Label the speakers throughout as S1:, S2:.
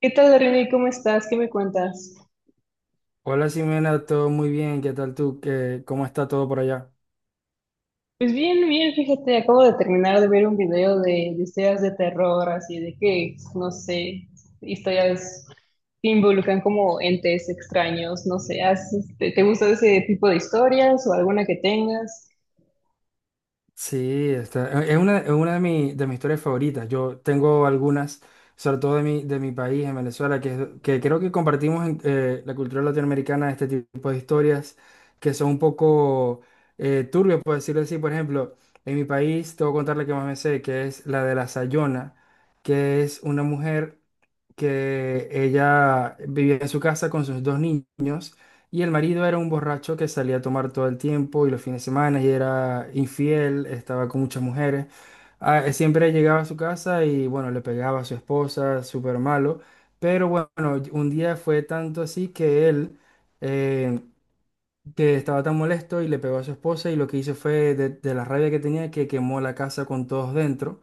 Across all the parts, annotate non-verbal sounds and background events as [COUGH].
S1: ¿Qué tal, René? ¿Cómo estás? ¿Qué me cuentas?
S2: Hola Simena, todo muy bien, ¿qué tal tú? ¿Qué, cómo está todo por allá?
S1: Pues bien, bien, fíjate, acabo de terminar de ver un video de historias de terror, así de que, no sé, historias que involucran como entes extraños, no sé, ¿Te gusta ese tipo de historias o alguna que tengas?
S2: Sí, está, es una de, de mis historias favoritas. Yo tengo algunas, sobre todo de mi país, en Venezuela, que, que creo que compartimos en la cultura latinoamericana este tipo de historias que son un poco turbias, por decirlo así. Por ejemplo, en mi país, te voy a contar la que más me sé, que es la de la Sayona, que es una mujer que ella vivía en su casa con sus dos niños. Y el marido era un borracho que salía a tomar todo el tiempo y los fines de semana y era infiel, estaba con muchas mujeres. Siempre llegaba a su casa y bueno, le pegaba a su esposa, súper malo. Pero bueno, un día fue tanto así que él, eh, que estaba tan molesto y le pegó a su esposa y lo que hizo fue de la rabia que tenía que quemó la casa con todos dentro.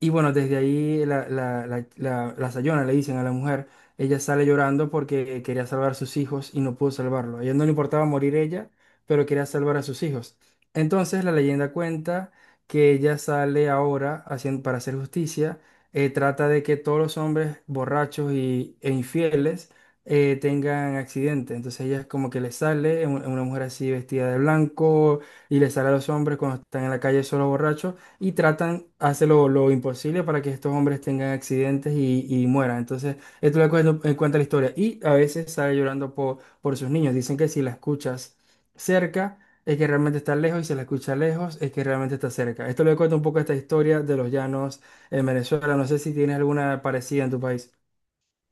S2: Y bueno, desde ahí la Sayona le dicen a la mujer, ella sale llorando porque quería salvar a sus hijos y no pudo salvarlo. A ella no le importaba morir ella, pero quería salvar a sus hijos. Entonces la leyenda cuenta que ella sale ahora haciendo, para hacer justicia, trata de que todos los hombres borrachos y, e infieles tengan accidentes. Entonces ella es como que le sale, es una mujer así vestida de blanco, y le sale a los hombres cuando están en la calle solo borrachos y tratan, hace lo imposible para que estos hombres tengan accidentes y mueran. Entonces, cuenta la historia. Y a veces sale llorando por sus niños. Dicen que si la escuchas cerca, es que realmente está lejos, y si la escuchas lejos, es que realmente está cerca. Esto le cuento un poco esta historia de los llanos en Venezuela. No sé si tienes alguna parecida en tu país.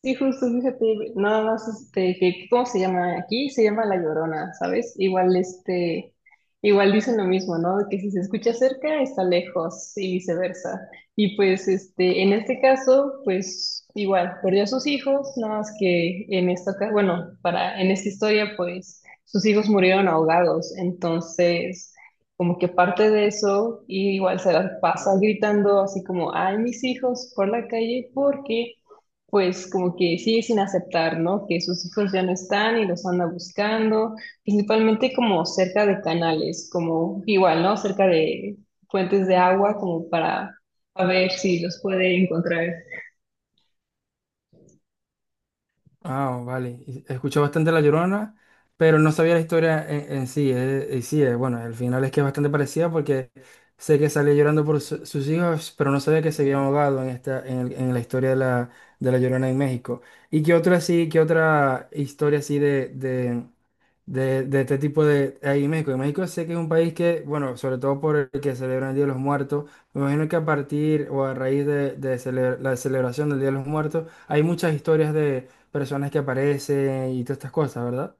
S1: Sí, justo, fíjate, nada más, este, que, ¿cómo se llama? Aquí se llama La Llorona, ¿sabes? Igual, este, igual dicen lo mismo, ¿no? De que si se escucha cerca, está lejos y viceversa. Y pues, este, en este caso, pues, igual, perdió a sus hijos, nada más que en esta, bueno, para, en esta historia, pues, sus hijos murieron ahogados, entonces, como que parte de eso, y igual se las pasa gritando así como, ay, mis hijos, por la calle, porque pues como que sigue sin aceptar, ¿no? Que sus hijos ya no están y los anda buscando, principalmente como cerca de canales, como igual, ¿no? Cerca de fuentes de agua, como para a ver si los puede encontrar.
S2: Ah, oh, vale. Y escuché bastante La Llorona, pero no sabía la historia en sí. Y sí, bueno, el final es que es bastante parecida porque sé que sale llorando por sus hijos, pero no sabía que se había ahogado en esta, en, en la historia de La Llorona en México. ¿Y qué otra sí, qué otra historia así de este tipo de ahí en México? En México sé que es un país que, bueno, sobre todo por el que celebran el Día de los Muertos, me imagino que a partir o a raíz de, la celebración del Día de los Muertos hay muchas historias de personas que aparecen y todas estas cosas, ¿verdad?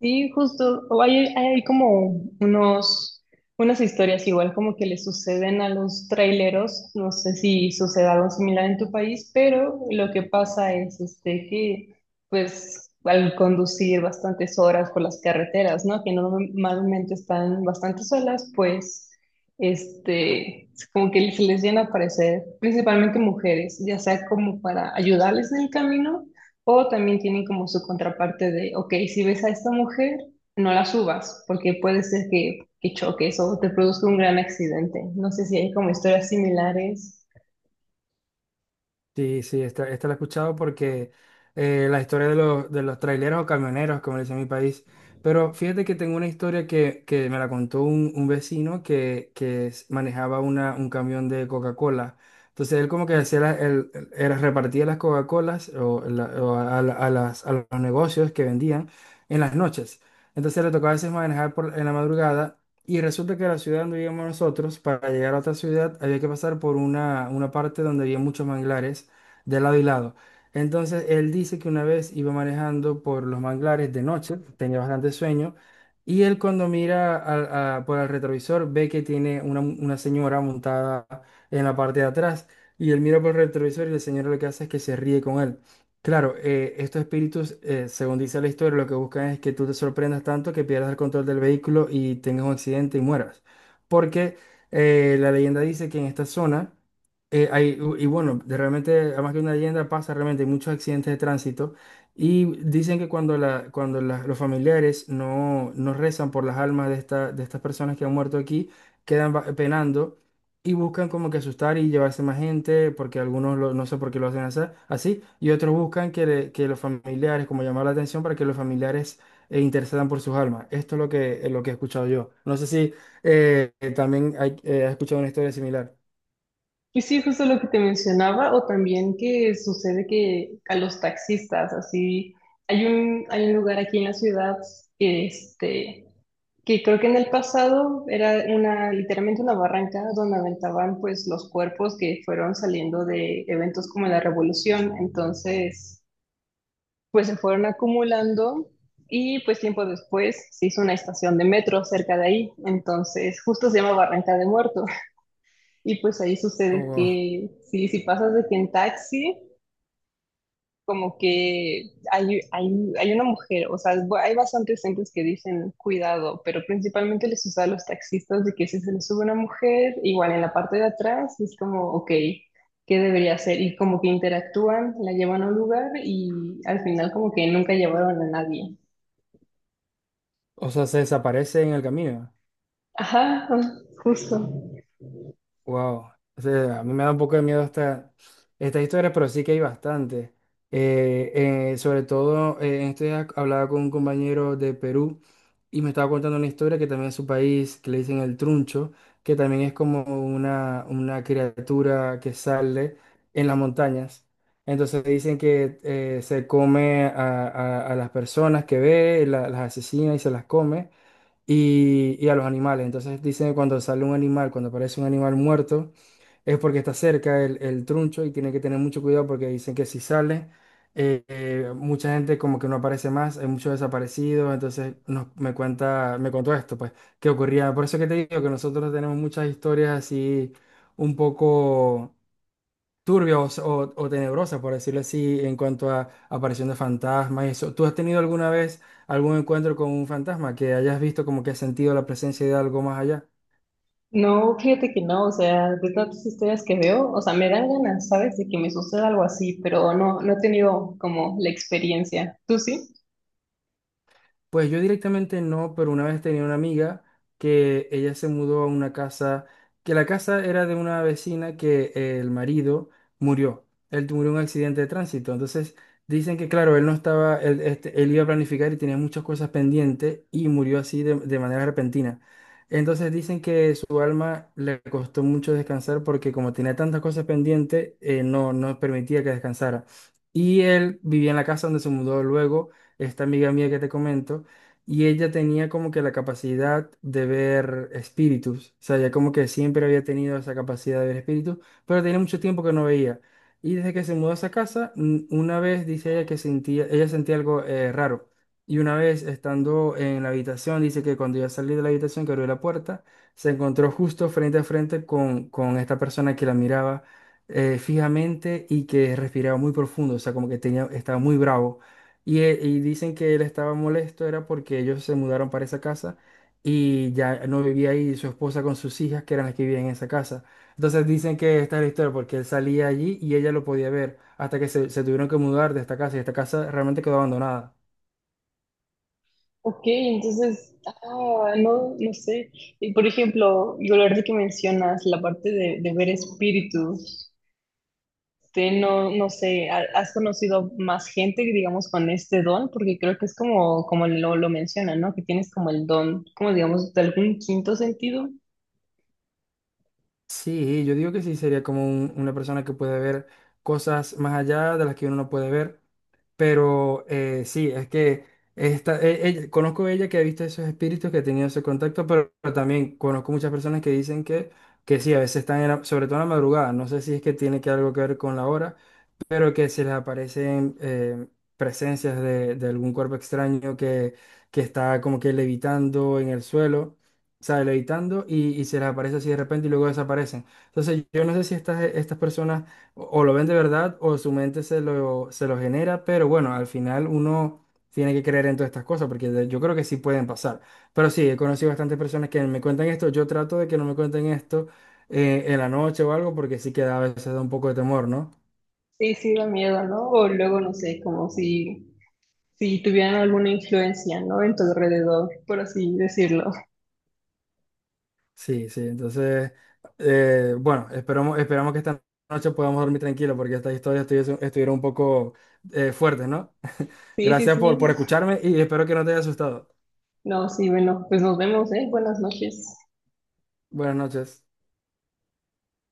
S1: Sí, justo, o hay como unos, unas historias igual como que le suceden a los traileros, no sé si sucede algo similar en tu país, pero lo que pasa es este, que pues al conducir bastantes horas por las carreteras, ¿no? Que normalmente están bastante solas, pues este, como que se les llena a aparecer principalmente mujeres, ya sea como para ayudarles en el camino o también tienen como su contraparte de, ok, si ves a esta mujer, no la subas, porque puede ser que choques o te produzca un gran accidente. No sé si hay como historias similares.
S2: Sí, sí, esta la he escuchado porque la historia de los traileros o camioneros, como le dicen en mi país. Pero fíjate que tengo una historia que me la contó un vecino que, manejaba un camión de Coca-Cola. Entonces él como que hacía la- el- era- repartía las Coca-Colas o, la- o a, la- a las, a los negocios que vendían en las noches. Entonces le tocaba a veces manejar por, en la madrugada y resulta que la ciudad donde vivíamos nosotros, para llegar a otra ciudad, había que pasar por una parte donde había muchos manglares de lado y lado. Entonces, él dice que una vez iba manejando por los manglares de noche, tenía bastante sueño, y él cuando mira por el retrovisor ve que tiene una señora montada en la parte de atrás, y él mira por el retrovisor y la señora lo que hace es que se ríe con él. Claro, estos espíritus, según dice la historia, lo que buscan es que tú te sorprendas tanto que pierdas el control del vehículo y tengas un accidente y mueras. Porque la leyenda dice que en esta zona eh, hay, y bueno, de realmente, además que una leyenda pasa, realmente hay muchos accidentes de tránsito y dicen que cuando, cuando los familiares no, no rezan por las almas de, esta, de estas personas que han muerto aquí, quedan penando y buscan como que asustar y llevarse más gente, porque no sé por qué lo hacen así, así, y otros buscan que, que los familiares, como llamar la atención para que los familiares intercedan por sus almas. Esto es lo que he escuchado yo. No sé si también has escuchado una historia similar.
S1: Y sí, justo lo que te mencionaba, o también que sucede que a los taxistas, así, hay un lugar aquí en la ciudad que, este, que creo que en el pasado era una, literalmente una barranca donde aventaban pues los cuerpos que fueron saliendo de eventos como la revolución. Entonces pues se fueron acumulando y pues tiempo después se hizo una estación de metro cerca de ahí, entonces justo se llama Barranca de Muerto y pues ahí
S2: Oh,
S1: sucede
S2: wow.
S1: que si pasas de aquí en taxi, como que hay una mujer, o sea, hay bastantes centros que dicen cuidado, pero principalmente les usa a los taxistas de que si se les sube una mujer, igual en la parte de atrás es como, ok, qué debería hacer y como que interactúan, la llevan a un lugar y al final como que nunca llevaron a nadie.
S2: O sea, se desaparece en el camino.
S1: Ajá, justo.
S2: Wow. O sea, a mí me da un poco de miedo esta, esta historia, pero sí que hay bastante. Sobre todo, en estos días hablaba con un compañero de Perú y me estaba contando una historia que también es su país, que le dicen el truncho, que también es como una criatura que sale en las montañas. Entonces dicen que se come a las personas que ve, las asesina y se las come. Y, y a los animales. Entonces dicen que cuando sale un animal, cuando aparece un animal muerto, es porque está cerca el truncho y tienen que tener mucho cuidado porque dicen que si sale, mucha gente como que no aparece más, hay muchos desaparecidos, entonces me contó esto, pues, qué ocurría. Por eso que te digo que nosotros tenemos muchas historias así un poco turbia o, o tenebrosa, por decirlo así, en cuanto a aparición de fantasmas y eso. ¿Tú has tenido alguna vez algún encuentro con un fantasma que hayas visto como que has sentido la presencia de algo más allá?
S1: No, fíjate que no, o sea, de tantas historias que veo, o sea, me dan ganas, ¿sabes? De que me suceda algo así, pero no, no he tenido como la experiencia. ¿Tú sí?
S2: Pues yo directamente no, pero una vez tenía una amiga que ella se mudó a una casa, que la casa era de una vecina que el marido murió. Él murió en un accidente de tránsito. Entonces dicen que, claro, él no estaba, él, este, él iba a planificar y tenía muchas cosas pendientes y murió así de manera repentina. Entonces dicen que su alma le costó mucho descansar porque como tenía tantas cosas pendientes, no permitía que descansara. Y él vivía en la casa donde se mudó luego esta amiga mía que te comento, y ella tenía como que la capacidad de ver espíritus, o sea, ella como que siempre había tenido esa capacidad de ver espíritus, pero tenía mucho tiempo que no veía. Y desde que se mudó a esa casa, una vez dice ella que sentía, ella sentía algo raro. Y una vez estando en la habitación, dice que cuando iba a salir de la habitación, que abrió la puerta, se encontró justo frente a frente con esta persona que la miraba fijamente y que respiraba muy profundo, o sea, como que tenía, estaba muy bravo. Y, y dicen que él estaba molesto, era porque ellos se mudaron para esa casa y ya no vivía ahí su esposa con sus hijas, que eran las que vivían en esa casa. Entonces dicen que esta es la historia, porque él salía allí y ella lo podía ver, hasta que se tuvieron que mudar de esta casa y esta casa realmente quedó abandonada.
S1: Ok, entonces, ah, no, no sé. Y por ejemplo, yo la verdad que mencionas la parte de ver espíritus, te no, no sé, ¿has conocido más gente, digamos, con este don? Porque creo que es como, como lo mencionan, ¿no? Que tienes como el don, como digamos, de algún quinto sentido.
S2: Sí, yo digo que sí, sería como una persona que puede ver cosas más allá de las que uno no puede ver. Pero sí, es que esta, conozco a ella que ha visto esos espíritus, que ha tenido ese contacto, pero también conozco muchas personas que dicen que sí, a veces están, en sobre todo en la madrugada, no sé si es que tiene que algo que ver con la hora, pero que si les aparecen presencias de algún cuerpo extraño que está como que levitando en el suelo, o sea, levitando y se les aparece así de repente y luego desaparecen. Entonces yo no sé si estas, estas personas o lo ven de verdad o su mente se lo genera, pero bueno, al final uno tiene que creer en todas estas cosas porque yo creo que sí pueden pasar. Pero sí, he conocido bastantes personas que me cuentan esto, yo trato de que no me cuenten esto. En la noche o algo, porque sí que a veces da un poco de temor, ¿no?
S1: Sí, sí da miedo, ¿no? O luego, no sé, como si, si tuvieran alguna influencia, ¿no? En tu alrededor, por así decirlo.
S2: Sí, sí, entonces, bueno, esperamos, esperamos que esta noche podamos dormir tranquilo porque estas historias estuvieron un poco fuertes, ¿no? [LAUGHS]
S1: Sí, sí,
S2: Gracias por
S1: sí.
S2: escucharme y espero que no te haya asustado.
S1: No, sí, bueno, pues nos vemos, ¿eh? Buenas noches.
S2: Buenas noches.